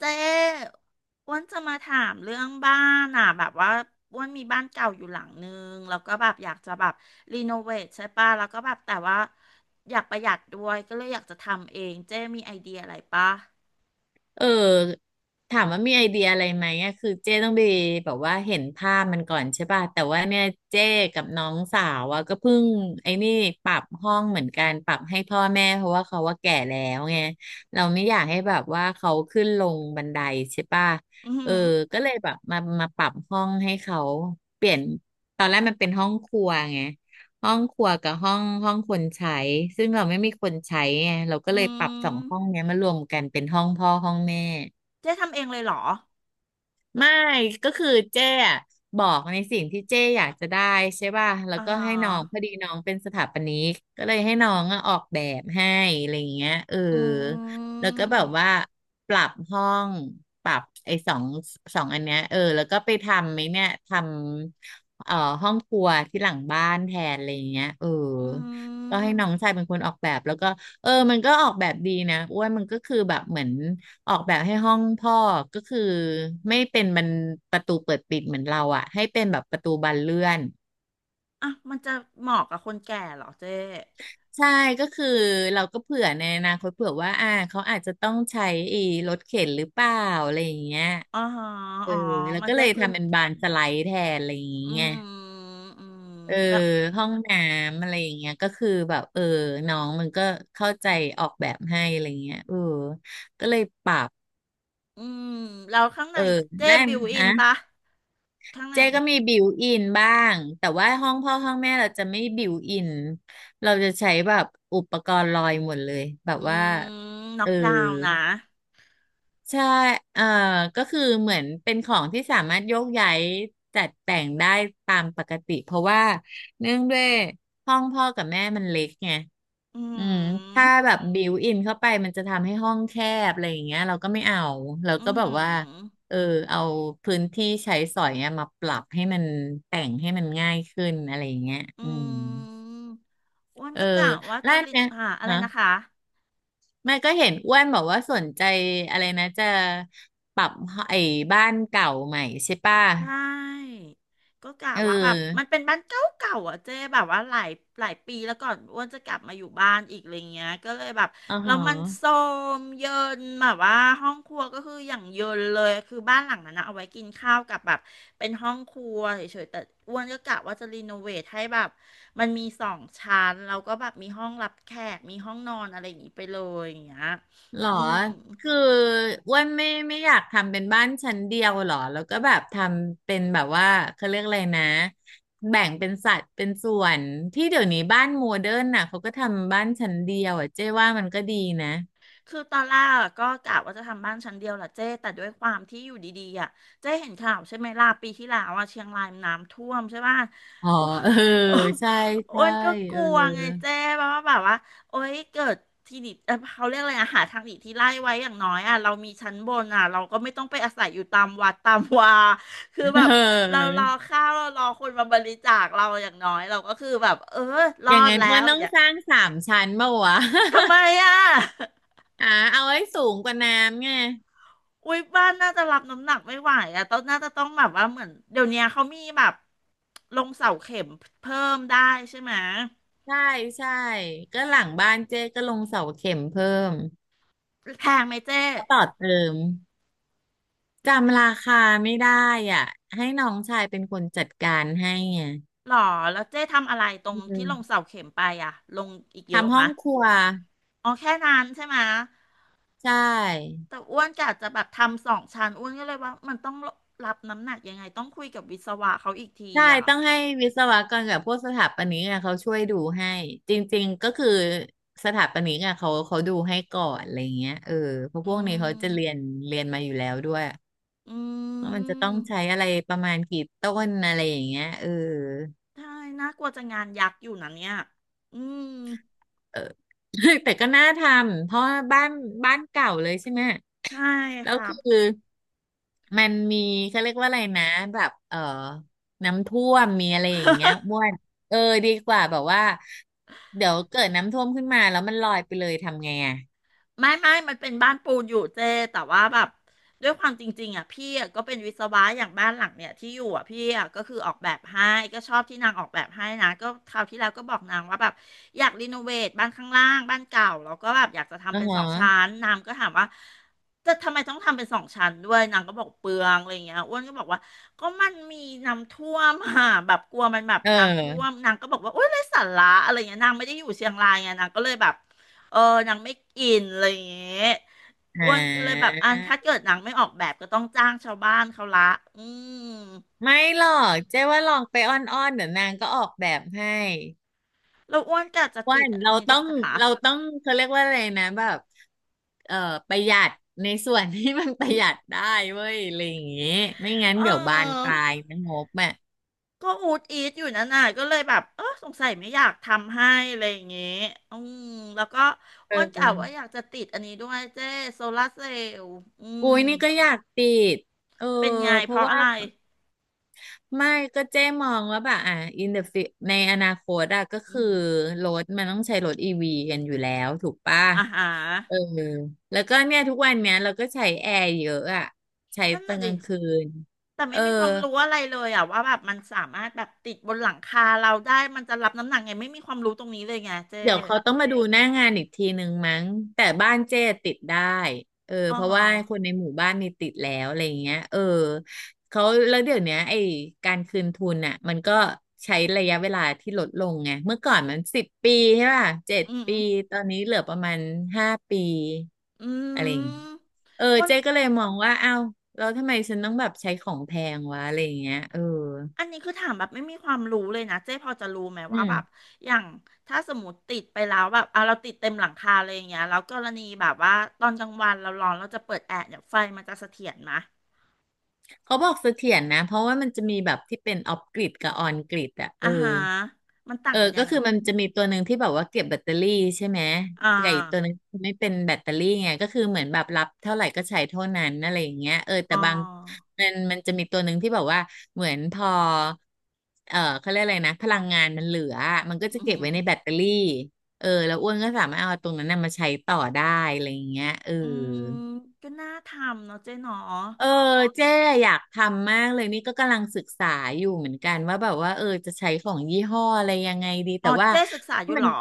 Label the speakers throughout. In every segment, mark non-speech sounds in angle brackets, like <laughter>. Speaker 1: เจ๊อ้วนจะมาถามเรื่องบ้านอ่ะแบบว่าอ้วนมีบ้านเก่าอยู่หลังนึงแล้วก็แบบอยากจะแบบรีโนเวทใช่ป่ะแล้วก็แบบแต่ว่าอยากประหยัดด้วยก็เลยอยากจะทำเองเจ๊มีไอเดียอะไรป่ะ
Speaker 2: เออถามว่ามีไอเดียอะไรไหมอะคือเจ้ต้องไปแบบว่าเห็นภาพมันก่อนใช่ป่ะแต่ว่าเนี่ยเจ้กับน้องสาวอะก็เพิ่งไอ้นี่ปรับห้องเหมือนกันปรับให้พ่อแม่เพราะว่าเขาว่าแก่แล้วไงเราไม่อยากให้แบบว่าเขาขึ้นลงบันไดใช่ป่ะ
Speaker 1: อือหื
Speaker 2: เออ
Speaker 1: อ
Speaker 2: ก็เลยแบบมาปรับห้องให้เขาเปลี่ยนตอนแรกมันเป็นห้องครัวไง ห้องครัวกับห้องคนใช้ซึ่งเราไม่มีคนใช้ไงเราก็เล
Speaker 1: อื
Speaker 2: ยปรับสอ
Speaker 1: ม
Speaker 2: งห้องเนี้ยมารวมกันเป็นห้องพ่อห้องแม่
Speaker 1: เจ๊ทำเองเลยเหรอ
Speaker 2: ไม่ก็คือเจ๊อะบอกในสิ่งที่เจ๊อยากจะได้ใช่ป่ะแล้ว
Speaker 1: อ่า
Speaker 2: ก็ให้
Speaker 1: ฮะ
Speaker 2: น้องพอดีน้องเป็นสถาปนิกก็เลยให้น้องอะออกแบบให้อะไรอย่างเงี้ยเออ
Speaker 1: อื
Speaker 2: แล้วก็แบบว่า
Speaker 1: ม
Speaker 2: ปรับห้องปรับไอ้สองอันเนี้ยเออแล้วก็ไปทำไหมเนี่ยทำห้องครัวที่หลังบ้านแทนอะไรอย่างเงี้ยเออ
Speaker 1: อื
Speaker 2: ก็
Speaker 1: ม
Speaker 2: ให้น้องชายเป็นคนออกแบบแล้วก็เออมันก็ออกแบบดีนะอ้วนมันก็คือแบบเหมือน ออกแบบให้ห้องพ่อก็คือไม่เป็นมันประตูเปิดปิดเหมือนเราอ่ะให้เป็นแบบประตูบานเลื่อน
Speaker 1: อ่ะมันจะเหมาะกับคนแก่เหรอเจ๊
Speaker 2: ใช่ก็คือเราก็เผื่อในอนาคตเผื่อว่าเขาอาจจะต้องใช้ไอีรถเข็นหรือเปล่าอะไรอย่างเงี้ย
Speaker 1: อ๋อฮะ
Speaker 2: เออ
Speaker 1: อ๋อ
Speaker 2: แล้ว
Speaker 1: มัน
Speaker 2: ก็เล
Speaker 1: ได้
Speaker 2: ย
Speaker 1: พื้น
Speaker 2: ทำเป็นบานสไลด์แทนอะไรอย่างเง
Speaker 1: อื
Speaker 2: ี้ย
Speaker 1: มอืม
Speaker 2: เออ
Speaker 1: แล้ว
Speaker 2: ห้องน้ำอะไรอย่างเงี้ยก็คือแบบเออน้องมันก็เข้าใจออกแบบให้อะไรเงี้ยเออก็เลยปรับ
Speaker 1: อืมแล้วข้าง
Speaker 2: เอ
Speaker 1: ใน
Speaker 2: อ
Speaker 1: เจ๊
Speaker 2: แรก
Speaker 1: บิวอิ
Speaker 2: นะ
Speaker 1: นปะข้างใน
Speaker 2: เจ๊ก็มีบิวอินบ้างแต่ว่าห้องพ่อห้องแม่เราจะไม่บิวอินเราจะใช้แบบอุปกรณ์ลอยหมดเลยแบบ
Speaker 1: อื
Speaker 2: ว่า
Speaker 1: มน็
Speaker 2: เอ
Speaker 1: อก
Speaker 2: อ
Speaker 1: ดาวน์นะ
Speaker 2: ใช่เอ่อก็คือเหมือนเป็นของที่สามารถโยกย้ายจัดแต่งได้ตามปกติเพราะว่าเนื่องด้วยห้องพ่อกับแม่มันเล็กไง
Speaker 1: อื
Speaker 2: อืมถ้า
Speaker 1: ม
Speaker 2: แบบบิวอินเข้าไปมันจะทำให้ห้องแคบอะไรอย่างเงี้ยเราก็ไม่เอาเรา
Speaker 1: อื
Speaker 2: ก็
Speaker 1: ม
Speaker 2: แบ
Speaker 1: อื
Speaker 2: บว่า
Speaker 1: ม
Speaker 2: เออเอาพื้นที่ใช้สอยเนี่ยมาปรับให้มันแต่งให้มันง่ายขึ้นอะไรอย่างเงี้ย
Speaker 1: อื
Speaker 2: อืม
Speaker 1: มอ้วน
Speaker 2: เออ
Speaker 1: ก็กะว่า
Speaker 2: แล้ว
Speaker 1: จะ
Speaker 2: อัน
Speaker 1: ลิน
Speaker 2: เนี้ย
Speaker 1: หาอะไร
Speaker 2: ฮะ
Speaker 1: นะคะ
Speaker 2: แม่ก็เห็นอ้วนบอกว่าสนใจอะไรนะจะปรับไอ้บ้านเก่าใหม่ใช่ป่ะ
Speaker 1: ใช่ก็กะ
Speaker 2: เอ
Speaker 1: ว่าแบบมัน
Speaker 2: อ
Speaker 1: เป็นบ้านเก่าเก่าอ่ะเจ๊แบบว่าหลายหลายปีแล้วก่อนอ้วนจะกลับมาอยู่บ้านอีกอะไรเงี้ยก็เลยแบบ
Speaker 2: อ๋อฮ
Speaker 1: แล้วมันโทร
Speaker 2: ะ
Speaker 1: มเยินแบบว่าห้องครัวก็คืออย่างเยินเลยคือบ้านหลังนั้นนะเอาไว้กินข้าวกับแบบเป็นห้องครัวเฉยๆแต่อ้วนก็กะว่าจะรีโนเวทให้แบบมันมีสองชั้นแล้วก็แบบมีห้องรับแขกมีห้องนอนอะไรอย่างงี้ไปเลยอย่างเงี้ย
Speaker 2: หรอ
Speaker 1: อืม
Speaker 2: คืออ้วนไม่อยากทำเป็นบ้านชั้นเดียวหรอแล้วก็แบบทำเป็นแบบว่าเขาเรียกอะไรนะแบ่งเป็นสัดเป็นส่วนที่เดี๋ยวนี้บ้านโมเดิร์นน่ะเขาก็ทำบ้านชั้นเดียวอ่ะเจ๊ว่ามันก็ดีนะ
Speaker 1: คือตอนแรกอะก็กะว่าจะทำบ้านชั้นเดียวแหละเจ้แต่ด้วยความที่อยู่ดีๆอ่ะเจ้เห็นข่าวใช่ไหมล่ะปีที่แล้วอ่ะเชียงรายน้ำท่วมใช่ป่ะ
Speaker 2: อ๋อ
Speaker 1: <laughs> อ้ว
Speaker 2: เออ
Speaker 1: น
Speaker 2: ใช่
Speaker 1: อ้
Speaker 2: ใช่
Speaker 1: วนก็ก
Speaker 2: เออ
Speaker 1: ลัวไงเจ้าว่าแบบว่าโอ๊ยเกิดที่หนีเขาเรียกอะไรอะหาทางหนีที่ไล่ไว้อย่างน้อยอ่ะเรามีชั้นบนอ่ะเราก็ไม่ต้องไปอาศัยอยู่ตามวัดตามวาคือแบบเรารอ
Speaker 2: <laughs> เออ
Speaker 1: ข้าวเรารอคนมาบริจาคเราอย่างน้อยเราก็คือแบบเออร
Speaker 2: อ
Speaker 1: อ
Speaker 2: ย่าง
Speaker 1: ด
Speaker 2: นั้น
Speaker 1: แล้
Speaker 2: อ้ว
Speaker 1: ว
Speaker 2: นต้อ
Speaker 1: อ
Speaker 2: ง
Speaker 1: ย่า
Speaker 2: สร้างสามชั้นเปล่าวะ
Speaker 1: ทำไมอ่ะ
Speaker 2: <laughs> อ่า <laughs> เอาให้สูงกว่าน้ำไง
Speaker 1: อุ้ยบ้านน่าจะรับน้ำหนักไม่ไหวอะต้องน่าจะต้องแบบว่าเหมือนเดี๋ยวนี้เขามีแบบลงเสาเข็มเพิ่มได้ใช่ไหม
Speaker 2: ใช่ใช่ก็หลังบ้านเจ๊ก็ลงเสาเข็มเพิ่ม
Speaker 1: แพงไหมเจ๊
Speaker 2: ก็ต่อเติม
Speaker 1: แพ
Speaker 2: จำราคาไม่ได้อ่ะให้น้องชายเป็นคนจัดการให้ไง
Speaker 1: หรอแล้วเจ๊ทำอะไรตร
Speaker 2: อื
Speaker 1: งที่ลงเสา
Speaker 2: ม
Speaker 1: เข็มไปอะลงอีกเยอะ
Speaker 2: ทำห้อ
Speaker 1: มะ
Speaker 2: งครัว
Speaker 1: อ๋อแค่นั้นใช่ไหม
Speaker 2: ใช่
Speaker 1: แต่อ้วนกะจะแบบทำสองชั้นอ้วนก็เลยว่ามันต้องรับน้ำหนักยังไงต้องคุยกับวิศวะเขาอีกที
Speaker 2: ใช่
Speaker 1: อะ
Speaker 2: ต้องให้วิศวกรกับพวกสถาปนิกอะเขาช่วยดูให้จริงๆก็คือสถาปนิกอะเขาดูให้ก่อนอะไรเงี้ยเออเพราะ
Speaker 1: อื
Speaker 2: พวกนี้เขาจะเรียน
Speaker 1: ม
Speaker 2: เรียนมาอยู่แล้วด้วย
Speaker 1: อื
Speaker 2: ว่ามันจะต้อ
Speaker 1: ม
Speaker 2: งใช้อะไรประมาณกี่ต้นอะไรอย่างเงี้ยเออ
Speaker 1: ใช่น่ากลัวจะงานยักษ์อยู่นะเนี่ยอืม
Speaker 2: เออ <laughs> แต่ก็น่าทำเพราะว่าบ้านเก่าเลยใช่ไหม
Speaker 1: ใช่
Speaker 2: แล้
Speaker 1: ค
Speaker 2: ว
Speaker 1: รับ
Speaker 2: คือมันมีเขาเรียกว่าอะไรนะแบบเออน้ำท่วมมีอะไรอย่าง
Speaker 1: <laughs>
Speaker 2: เงี้ยอ้วนเออดีกว่าแบบว่าเดี๋ยวเกิดน้ำท่วมขึ้นมาแล้วมันลอยไปเลยทำไงอ่ะ
Speaker 1: ไม่ไม่ มันเป็นบ้านปูนอยู่เจ้แต่ว่าแบบด้วยความจริงๆอ่ะพี่อะก็เป็นวิศวะอย่างบ้านหลังเนี่ยที่อยู่อ่ะพี่อะก็คือออกแบบให้ก็ชอบที่นางออกแบบให้นะก็คราวที่แล้วก็บอกนางว่าแบบอยากรีโนเวทบ้านข้างล่างบ้านเก่าแล้วก็แบบอยากจะ
Speaker 2: อื
Speaker 1: ทำ
Speaker 2: อ
Speaker 1: เป็นสองชั้
Speaker 2: ฮะ
Speaker 1: นนางก็ถามว่าจะทำไมต้องทำเป็นสองชั้นด้วยนางก็บอกเปลืองอะไรเงี้ยอ้วนก็บอกว่าก็มันมีน้ำท่วมอ่ะแบบกลัวมันแบบ
Speaker 2: เอ
Speaker 1: น้ำ
Speaker 2: อ
Speaker 1: ท่วมนางก็บอกว่าโอ๊ยไร้สาระอะไรเงี้ยนางไม่ได้อยู่เชียงรายไงนางก็เลยแบบ เออนางไม่กินอะไรอย่างเงี้ย
Speaker 2: อ่
Speaker 1: อ้วนก็เลยแบบ
Speaker 2: า
Speaker 1: อันถ้าเกิดหนังไม่ออกแบบก็ต้องจ้างชาวบ้านเขาละอืม
Speaker 2: ไม่หรอกเจ๊ว่าลองไปอ้อนๆเดี๋ยวนางก็ออกแบบให้
Speaker 1: แล้วอ้วนก็จะ
Speaker 2: อ้วั
Speaker 1: ติด
Speaker 2: น
Speaker 1: อั
Speaker 2: เรา
Speaker 1: นนี้ด้
Speaker 2: ต้
Speaker 1: ว
Speaker 2: อ
Speaker 1: ย
Speaker 2: ง
Speaker 1: จ้ะคะ
Speaker 2: เราต้องเขาเรียกว่าอะไรนะแบบเอ่อประหยัดในส่วนที่มันประหยัดได้เว้ยอะไรอย่างเงี้ยไม่งั้นเดี๋ยวบานป
Speaker 1: เออ
Speaker 2: ลายนะงบอ่ะ
Speaker 1: ก็อูดอีทอยู่นั่นน่ะก็เลยแบบเออสงสัยไม่อยากทำให้อะไรอย่างเงี้ยอืมแล้วก็
Speaker 2: เอ
Speaker 1: อ้วนกะว่าอ
Speaker 2: อ
Speaker 1: ยากจะติดอันนี้ด้วยเจ้โซลาร์เซลล์อืม
Speaker 2: อุ้ยนี่ก็อยากติดเออ
Speaker 1: เป็นไง
Speaker 2: เพ
Speaker 1: เพ
Speaker 2: ราะ
Speaker 1: ราะ
Speaker 2: ว่า
Speaker 1: อะไร
Speaker 2: ไม่ก็เจ๊มองว่าแบบอ่ะ ในอนาคตอะก็
Speaker 1: อื
Speaker 2: คือ
Speaker 1: ม
Speaker 2: รถมันต้องใช้รถอีวีกันอยู่แล้วถูกป่ะ
Speaker 1: อาหาร
Speaker 2: เออแล้วก็เนี่ยทุกวันเนี้ยเราก็ใช้แอร์เยอะอะใช้
Speaker 1: นั่น
Speaker 2: ตอน
Speaker 1: น่ะ
Speaker 2: ก
Speaker 1: ดิ
Speaker 2: ลางคืน
Speaker 1: แต่
Speaker 2: เอ
Speaker 1: ไม่
Speaker 2: อ
Speaker 1: มีความรู้อะไรเลยอะว่าแบบมันสามารถแบบติดบนหลังคาเราได้มันจะรับน้ำหนักไงไม่มีความรู้ตรงนี้เลยไงเจ๊
Speaker 2: เดี๋ยวเขาต้องมาดูหน้างานอีกทีหนึ่งมั้งแต่บ้านเจ้ติดได้เออ
Speaker 1: อ๋อ
Speaker 2: เพราะว่าคนในหมู่บ้านนี่ติดแล้วอะไรอย่างเงี้ยเออเขาแล้วเดี๋ยวเนี้ยไอ้การคืนทุนอ่ะมันก็ใช้ระยะเวลาที่ลดลงไงเมื่อก่อนมัน10 ปีใช่ป่ะเจ็ด
Speaker 1: อืม
Speaker 2: ปีตอนนี้เหลือประมาณ5 ปี
Speaker 1: อื
Speaker 2: อะไรอย่างเงี้ย
Speaker 1: ม
Speaker 2: เออ
Speaker 1: วัน
Speaker 2: เจ๊ก็เลยมองว่าอ้าวแล้วทำไมฉันต้องแบบใช้ของแพงวะอะไรอย่างเงี้ยเออ
Speaker 1: อันนี้คือถามแบบไม่มีความรู้เลยนะเจ๊พอจะรู้ไหม
Speaker 2: อื
Speaker 1: ว่าแบบ
Speaker 2: ม
Speaker 1: อย่างถ้าสมมติติดไปแล้วแบบเอาเราติดเต็มหลังคาเลยอย่างเงี้ยแล้วกรณีแบบว่าตอนกลางวันเราร้อนเราจะเปิดแอร์เนี่ยไฟมันจะเสถียรไหม
Speaker 2: เขาบอกเสถียรนะเพราะว่ามันจะมีแบบที่เป็นออฟกริดกับออนกริดอะเอ
Speaker 1: อ่า
Speaker 2: อ
Speaker 1: ฮะมันต่า
Speaker 2: เอ
Speaker 1: ง
Speaker 2: อ
Speaker 1: กันยั
Speaker 2: ก็
Speaker 1: งไง
Speaker 2: คือมันจะมีตัวหนึ่งที่แบบว่าเก็บแบตเตอรี่ใช่ไหม
Speaker 1: อ่า
Speaker 2: แต่อีกตัวหนึงไม่เป็นแบตเตอรี่ไงก็คือเหมือนแบบรับเท่าไหร่ก็ใช้เท่านั้นอะไรอย่างเงี้ยเออแต่
Speaker 1: อ๋อ
Speaker 2: บางมันจะมีตัวหนึ่งที่แบบว่าเหมือนพอเออเขาเรียกอะไรนะพลังงานมันเหลือมันก็จะ
Speaker 1: อื
Speaker 2: เก็บไว้
Speaker 1: ม
Speaker 2: ในแบตเตอรี่เออแล้วอ้วนก็สามารถเอาตรงนั้นน่ะมาใช้ต่อได้อะไรอย่างเงี้ยเออ
Speaker 1: อืมก็น่าทำเนาะเจ๊เนาะอ
Speaker 2: เออเจ๊อยากทำมากเลยนี่ก็กำลังศึกษาอยู่เหมือนกันว่าแบบว่าเออจะใช้ของยี่ห้ออะไรยังไงดี
Speaker 1: ๋
Speaker 2: แต่
Speaker 1: อ
Speaker 2: ว่า
Speaker 1: เจ๊ศึกษาอยู่
Speaker 2: มั
Speaker 1: เหร
Speaker 2: น
Speaker 1: อ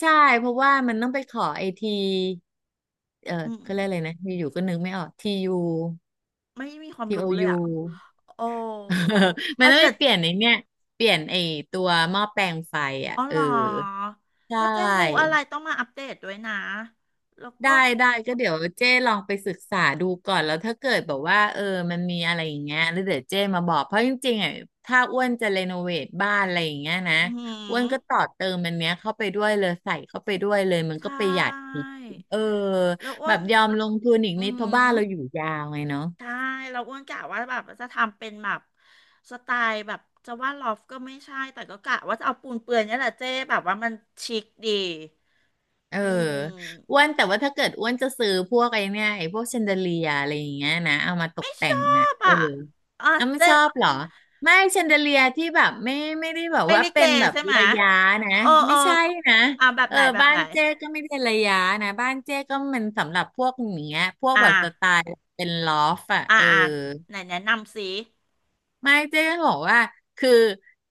Speaker 2: ใช่เพราะว่ามันต้องไปขอไอทีเออ
Speaker 1: อืม
Speaker 2: เขาเรียกอะไรนะอยู่ๆก็นึกไม่ออกทียู
Speaker 1: ไม่มีความ
Speaker 2: ทีโอ
Speaker 1: รู้เลย
Speaker 2: ยู
Speaker 1: อ่ะโอ้
Speaker 2: <laughs> มัน
Speaker 1: ถ้า
Speaker 2: ต้องไป
Speaker 1: เกิด
Speaker 2: เปลี่ยนไอเนี่ยเปลี่ยนไอตัวหม้อแปลงไฟอ่ะ
Speaker 1: อ๋อ
Speaker 2: เอ
Speaker 1: เห
Speaker 2: อ
Speaker 1: รอ
Speaker 2: ใช
Speaker 1: ถ้าเจ๊รู้อะ
Speaker 2: ่
Speaker 1: ไรต้องมาอัปเดตด้วยนะแล้ว
Speaker 2: ได้
Speaker 1: ก็
Speaker 2: ได้ก็เดี๋ยวเจ้ลองไปศึกษาดูก่อนแล้วถ้าเกิดแบบว่าเออมันมีอะไรอย่างเงี้ยแล้วเดี๋ยวเจ้มาบอกเพราะจริงๆอ่ะถ้าอ้วนจะเรโนเวทบ้านอะไรอย่างเงี้ยนะ
Speaker 1: อื
Speaker 2: อ้ว
Speaker 1: ม
Speaker 2: นก็ต่อเติมมันเนี้ยเข้าไปด้วยเลยใส่เข้าไปด้วยเลยมัน
Speaker 1: ใช
Speaker 2: ก็ประหยัด
Speaker 1: ่
Speaker 2: อีกเออ
Speaker 1: แล้วอ้
Speaker 2: แบ
Speaker 1: ว
Speaker 2: บ
Speaker 1: น
Speaker 2: ยอมลงทุนอีก
Speaker 1: อื
Speaker 2: นิดเพราะบ้า
Speaker 1: ม
Speaker 2: นเราอยู่ยาวไงเนาะ
Speaker 1: ใช่แล้วอ้วนกะว่าแบบจะทำเป็นแบบสไตล์แบบจะว่าลอฟก็ไม่ใช่แต่ก็กะว่าจะเอาปูนเปื่อยเนี่ยแหละเจ๊แบบว่ามันชิคดี
Speaker 2: เออ
Speaker 1: อื
Speaker 2: อ้ว
Speaker 1: ม
Speaker 2: นแต่ว่าถ้าเกิดอ้วนจะซื้อพวกไอ้เนี่ยไอ้พวกแชนเดเลียอะไรอย่างเงี้ยนะเอามาตก
Speaker 1: ไม่
Speaker 2: แต่
Speaker 1: ช
Speaker 2: ง
Speaker 1: อ
Speaker 2: อ่ะ
Speaker 1: บ
Speaker 2: เออ
Speaker 1: อ่ะอ่ะ
Speaker 2: เอาไม่
Speaker 1: เจ๊
Speaker 2: ชอบเหรอไม่แชนเดเลียที่แบบไม่ได้แบบ
Speaker 1: ไป
Speaker 2: ว่า
Speaker 1: ลิเก
Speaker 2: เป็นแบบ
Speaker 1: ใช่ไหม
Speaker 2: ระยะนะ
Speaker 1: เออเอ
Speaker 2: ไม่
Speaker 1: อ
Speaker 2: ใช่นะ
Speaker 1: อ่ะแบบ
Speaker 2: เออ
Speaker 1: ไหนแบบ
Speaker 2: บ้า
Speaker 1: ไหน
Speaker 2: นเจ๊ก็ไม่ได้ระยะนะบ้านเจ๊ก็มันสำหรับพวกอย่างเงี้ยพวก
Speaker 1: อ่า
Speaker 2: แบบสไตล์เป็นลอฟอ่ะ
Speaker 1: อ่า
Speaker 2: เออ
Speaker 1: อ่าไหนแนะนำสิ
Speaker 2: ไม่เจ๊จะบอกว่าคือ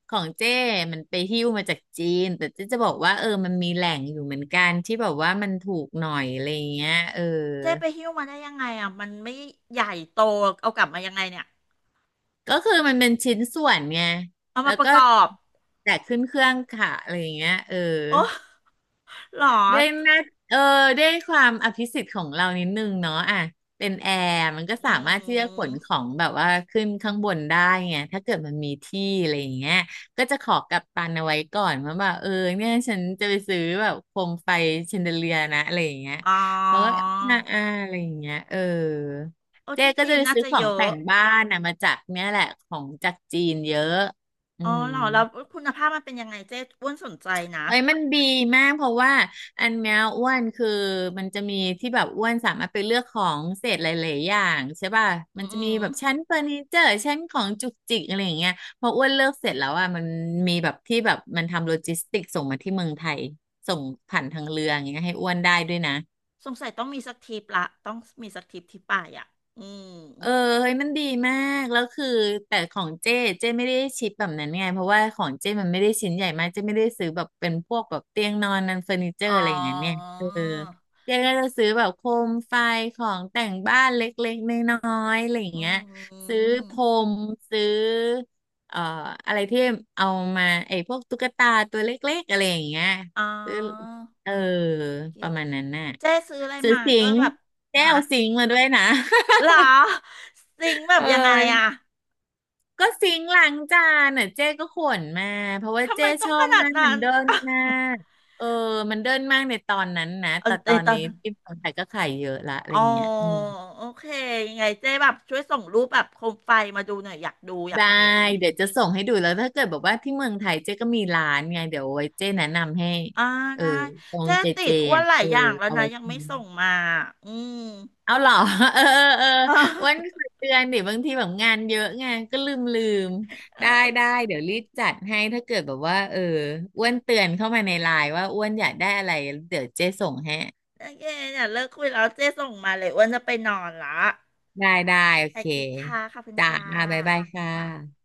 Speaker 2: ของเจ้มันไปหิ้วมาจากจีนแต่เจ๊จะบอกว่าเออมันมีแหล่งอยู่เหมือนกันที่แบบว่ามันถูกหน่อยอะไรอย่างเงี้ยเออ
Speaker 1: เจ๊ไปหิ้วมาได้ยังไงอ่ะมันไม่ใหญ่โตเอากลับมายังไงเนี่ย
Speaker 2: ก็คือมันเป็นชิ้นส่วนไง
Speaker 1: เอา
Speaker 2: แล้
Speaker 1: มา
Speaker 2: ว
Speaker 1: ประ
Speaker 2: ก็
Speaker 1: กอบ
Speaker 2: แจกขึ้นเครื่องค่ะอะไรอย่างเงี้ยเออ
Speaker 1: โอ้หรอ
Speaker 2: ได้หน้าเออได้ความอภิสิทธิ์ของเรานิดนึงเนาะอ่ะเป็นแอร์มันก็สา
Speaker 1: อื
Speaker 2: มารถที่จะขนขอ
Speaker 1: ม
Speaker 2: งแบบว่าขึ้นข้างบนได้ไงถ้าเกิดมันมีที่อะไรอย่างเงี้ยก็จะขอกัปตันเอาไว้ก่อนว่าแบบเออเนี่ยฉันจะไปซื้อแบบโคมไฟแชนเดเลียร์นะอะไรอย่างเงี้ย
Speaker 1: อ๋อ
Speaker 2: เขาก็อ่าอะไรอย่างเงี้ยเออ
Speaker 1: โอ้
Speaker 2: เจ๊
Speaker 1: ที่
Speaker 2: ก็
Speaker 1: จี
Speaker 2: จะ
Speaker 1: น
Speaker 2: ไป
Speaker 1: น่า
Speaker 2: ซื้อ
Speaker 1: จะ
Speaker 2: ขอ
Speaker 1: เย
Speaker 2: งแต่
Speaker 1: อะ
Speaker 2: งบ้านนะมาจากเนี่ยแหละของจากจีนเยอะอื
Speaker 1: อ๋อ
Speaker 2: ม
Speaker 1: หรอแล้วคุณภาพมันเป็นยังไงเจ๊อ้วนสนใจนะ
Speaker 2: เอ้ยมันดีมากเพราะว่าอันเนี้ยอ้วนคือมันจะมีที่แบบอ้วนสามารถไปเลือกของเศษหลายๆอย่างใช่ป่ะ
Speaker 1: อื
Speaker 2: มันจะมี
Speaker 1: ม
Speaker 2: แบบชั้นเฟอร์นิเจอร์ชั้นของจุกจิกอะไรอย่างเงี้ยพออ้วนเลือกเสร็จแล้วอ่ะมันมีแบบที่แบบมันทำโลจิสติกส่งมาที่เมืองไทยส่งผ่านทางเรืออย่างเงี้ยให้อ้วนได้ด้วยนะ
Speaker 1: สงสัยต้องมีสักทริปละต้องมีสักทริปที่ป่ายอ่ะอืม
Speaker 2: เออเฮ้ยมันดีมากแล้วคือแต่ของเจ้เจ้ไม่ได้ชิปแบบนั้นไงเพราะว่าของเจ้มันไม่ได้ชิ้นใหญ่มากเจ้ไม่ได้ซื้อแบบเป็นพวกแบบเตียงนอนนันเฟอร์นิเจอ
Speaker 1: อ๋อ
Speaker 2: ร์อะไรอย่างเงี้ยเนี่ยเออเจ๊ก็จะซื้อแบบโคมไฟของแต่งบ้านเล็กๆน้อยๆอะไรอย่าง
Speaker 1: อื
Speaker 2: เงี้ย
Speaker 1: มอหื
Speaker 2: ซื้อพร
Speaker 1: อ
Speaker 2: มซื้อเอ่ออะไรที่เอามาไอ้พวกตุ๊กตาตัวเล็กๆอะไรอย่างเงี้ย
Speaker 1: อ๋อ
Speaker 2: ซื้อเออ
Speaker 1: โอเค
Speaker 2: ประมาณนั้นน่ะ
Speaker 1: เจ๊ซื้ออะไร
Speaker 2: ซื้อ
Speaker 1: มา
Speaker 2: สิ
Speaker 1: ก็
Speaker 2: งค์
Speaker 1: แบบ
Speaker 2: แก้
Speaker 1: ฮะ
Speaker 2: วสิงค์มาด้วยนะ
Speaker 1: หรอซิง
Speaker 2: <laughs>
Speaker 1: ค์แบ
Speaker 2: เ
Speaker 1: บยังไงอะ
Speaker 2: ออ ก็ซิงค์ล้างจานอ่ะเจ๊ก็ขวนมาเพราะว่า
Speaker 1: ทำไม
Speaker 2: เจ๊
Speaker 1: ต้
Speaker 2: ช
Speaker 1: อง
Speaker 2: อ
Speaker 1: ข
Speaker 2: บ
Speaker 1: นาด
Speaker 2: มากมั
Speaker 1: นั้
Speaker 2: น
Speaker 1: น
Speaker 2: เดิน
Speaker 1: อะ <laughs>
Speaker 2: มากเออมันเดินมากในตอนนั้นนะ
Speaker 1: เออ
Speaker 2: แต่
Speaker 1: ใน
Speaker 2: ตอน
Speaker 1: ตอ
Speaker 2: นี้
Speaker 1: นนั้น
Speaker 2: ที่เมืองไทยก็ขายเยอะละอะไร
Speaker 1: อ๋อ
Speaker 2: เงี้ยอืม
Speaker 1: โอเค ยังไงเจ๊แบบช่วยส่งรูปแบบโคมไฟมาดูหน่อยอยากดูอยาก
Speaker 2: ได้
Speaker 1: เห็น
Speaker 2: เดี๋ยวจะส่งให้ดูแล้วถ้าเกิดบอกว่าที่เมืองไทยเจ๊ก็มีร้านไงเดี๋ยวไว้เจ๊แนะนำให้
Speaker 1: อ่า
Speaker 2: เออ
Speaker 1: ได้
Speaker 2: ตรง
Speaker 1: เจ๊
Speaker 2: เจ
Speaker 1: ติ
Speaker 2: เจ
Speaker 1: ดอ้วน
Speaker 2: อ่ะ
Speaker 1: หลาย
Speaker 2: เออ
Speaker 1: อย่างแล้ว
Speaker 2: เอา
Speaker 1: นะ
Speaker 2: ไว้
Speaker 1: ยังไม่ส่งมา อืม
Speaker 2: เอาเหรอ <laughs> เออ <laughs> เออ
Speaker 1: <laughs> อ่า
Speaker 2: อ้วันเคยเตือนดิบางทีแบบงานเยอะไงานก็ลืม
Speaker 1: เอ
Speaker 2: ได้ได้
Speaker 1: อ
Speaker 2: เดี๋ยวรีบจัดให้ถ้าเกิดแบบว่าเอออ้วนเตือนเข้ามาในไลน์ว่าอ้วนอยากได้อะไรเดี๋ยวเจ๊ส่งให้
Speaker 1: โอเคเนี่ยเลิกคุยแล้วเจ๊ส่งมาเลยอ้วนจะไปนอนละ
Speaker 2: ได้ได้โอ
Speaker 1: โอ
Speaker 2: เค
Speaker 1: เคค่ะขอบคุณ
Speaker 2: จ้า
Speaker 1: ค่ะ
Speaker 2: บ๊ายบายค่
Speaker 1: ค่ะ
Speaker 2: ะ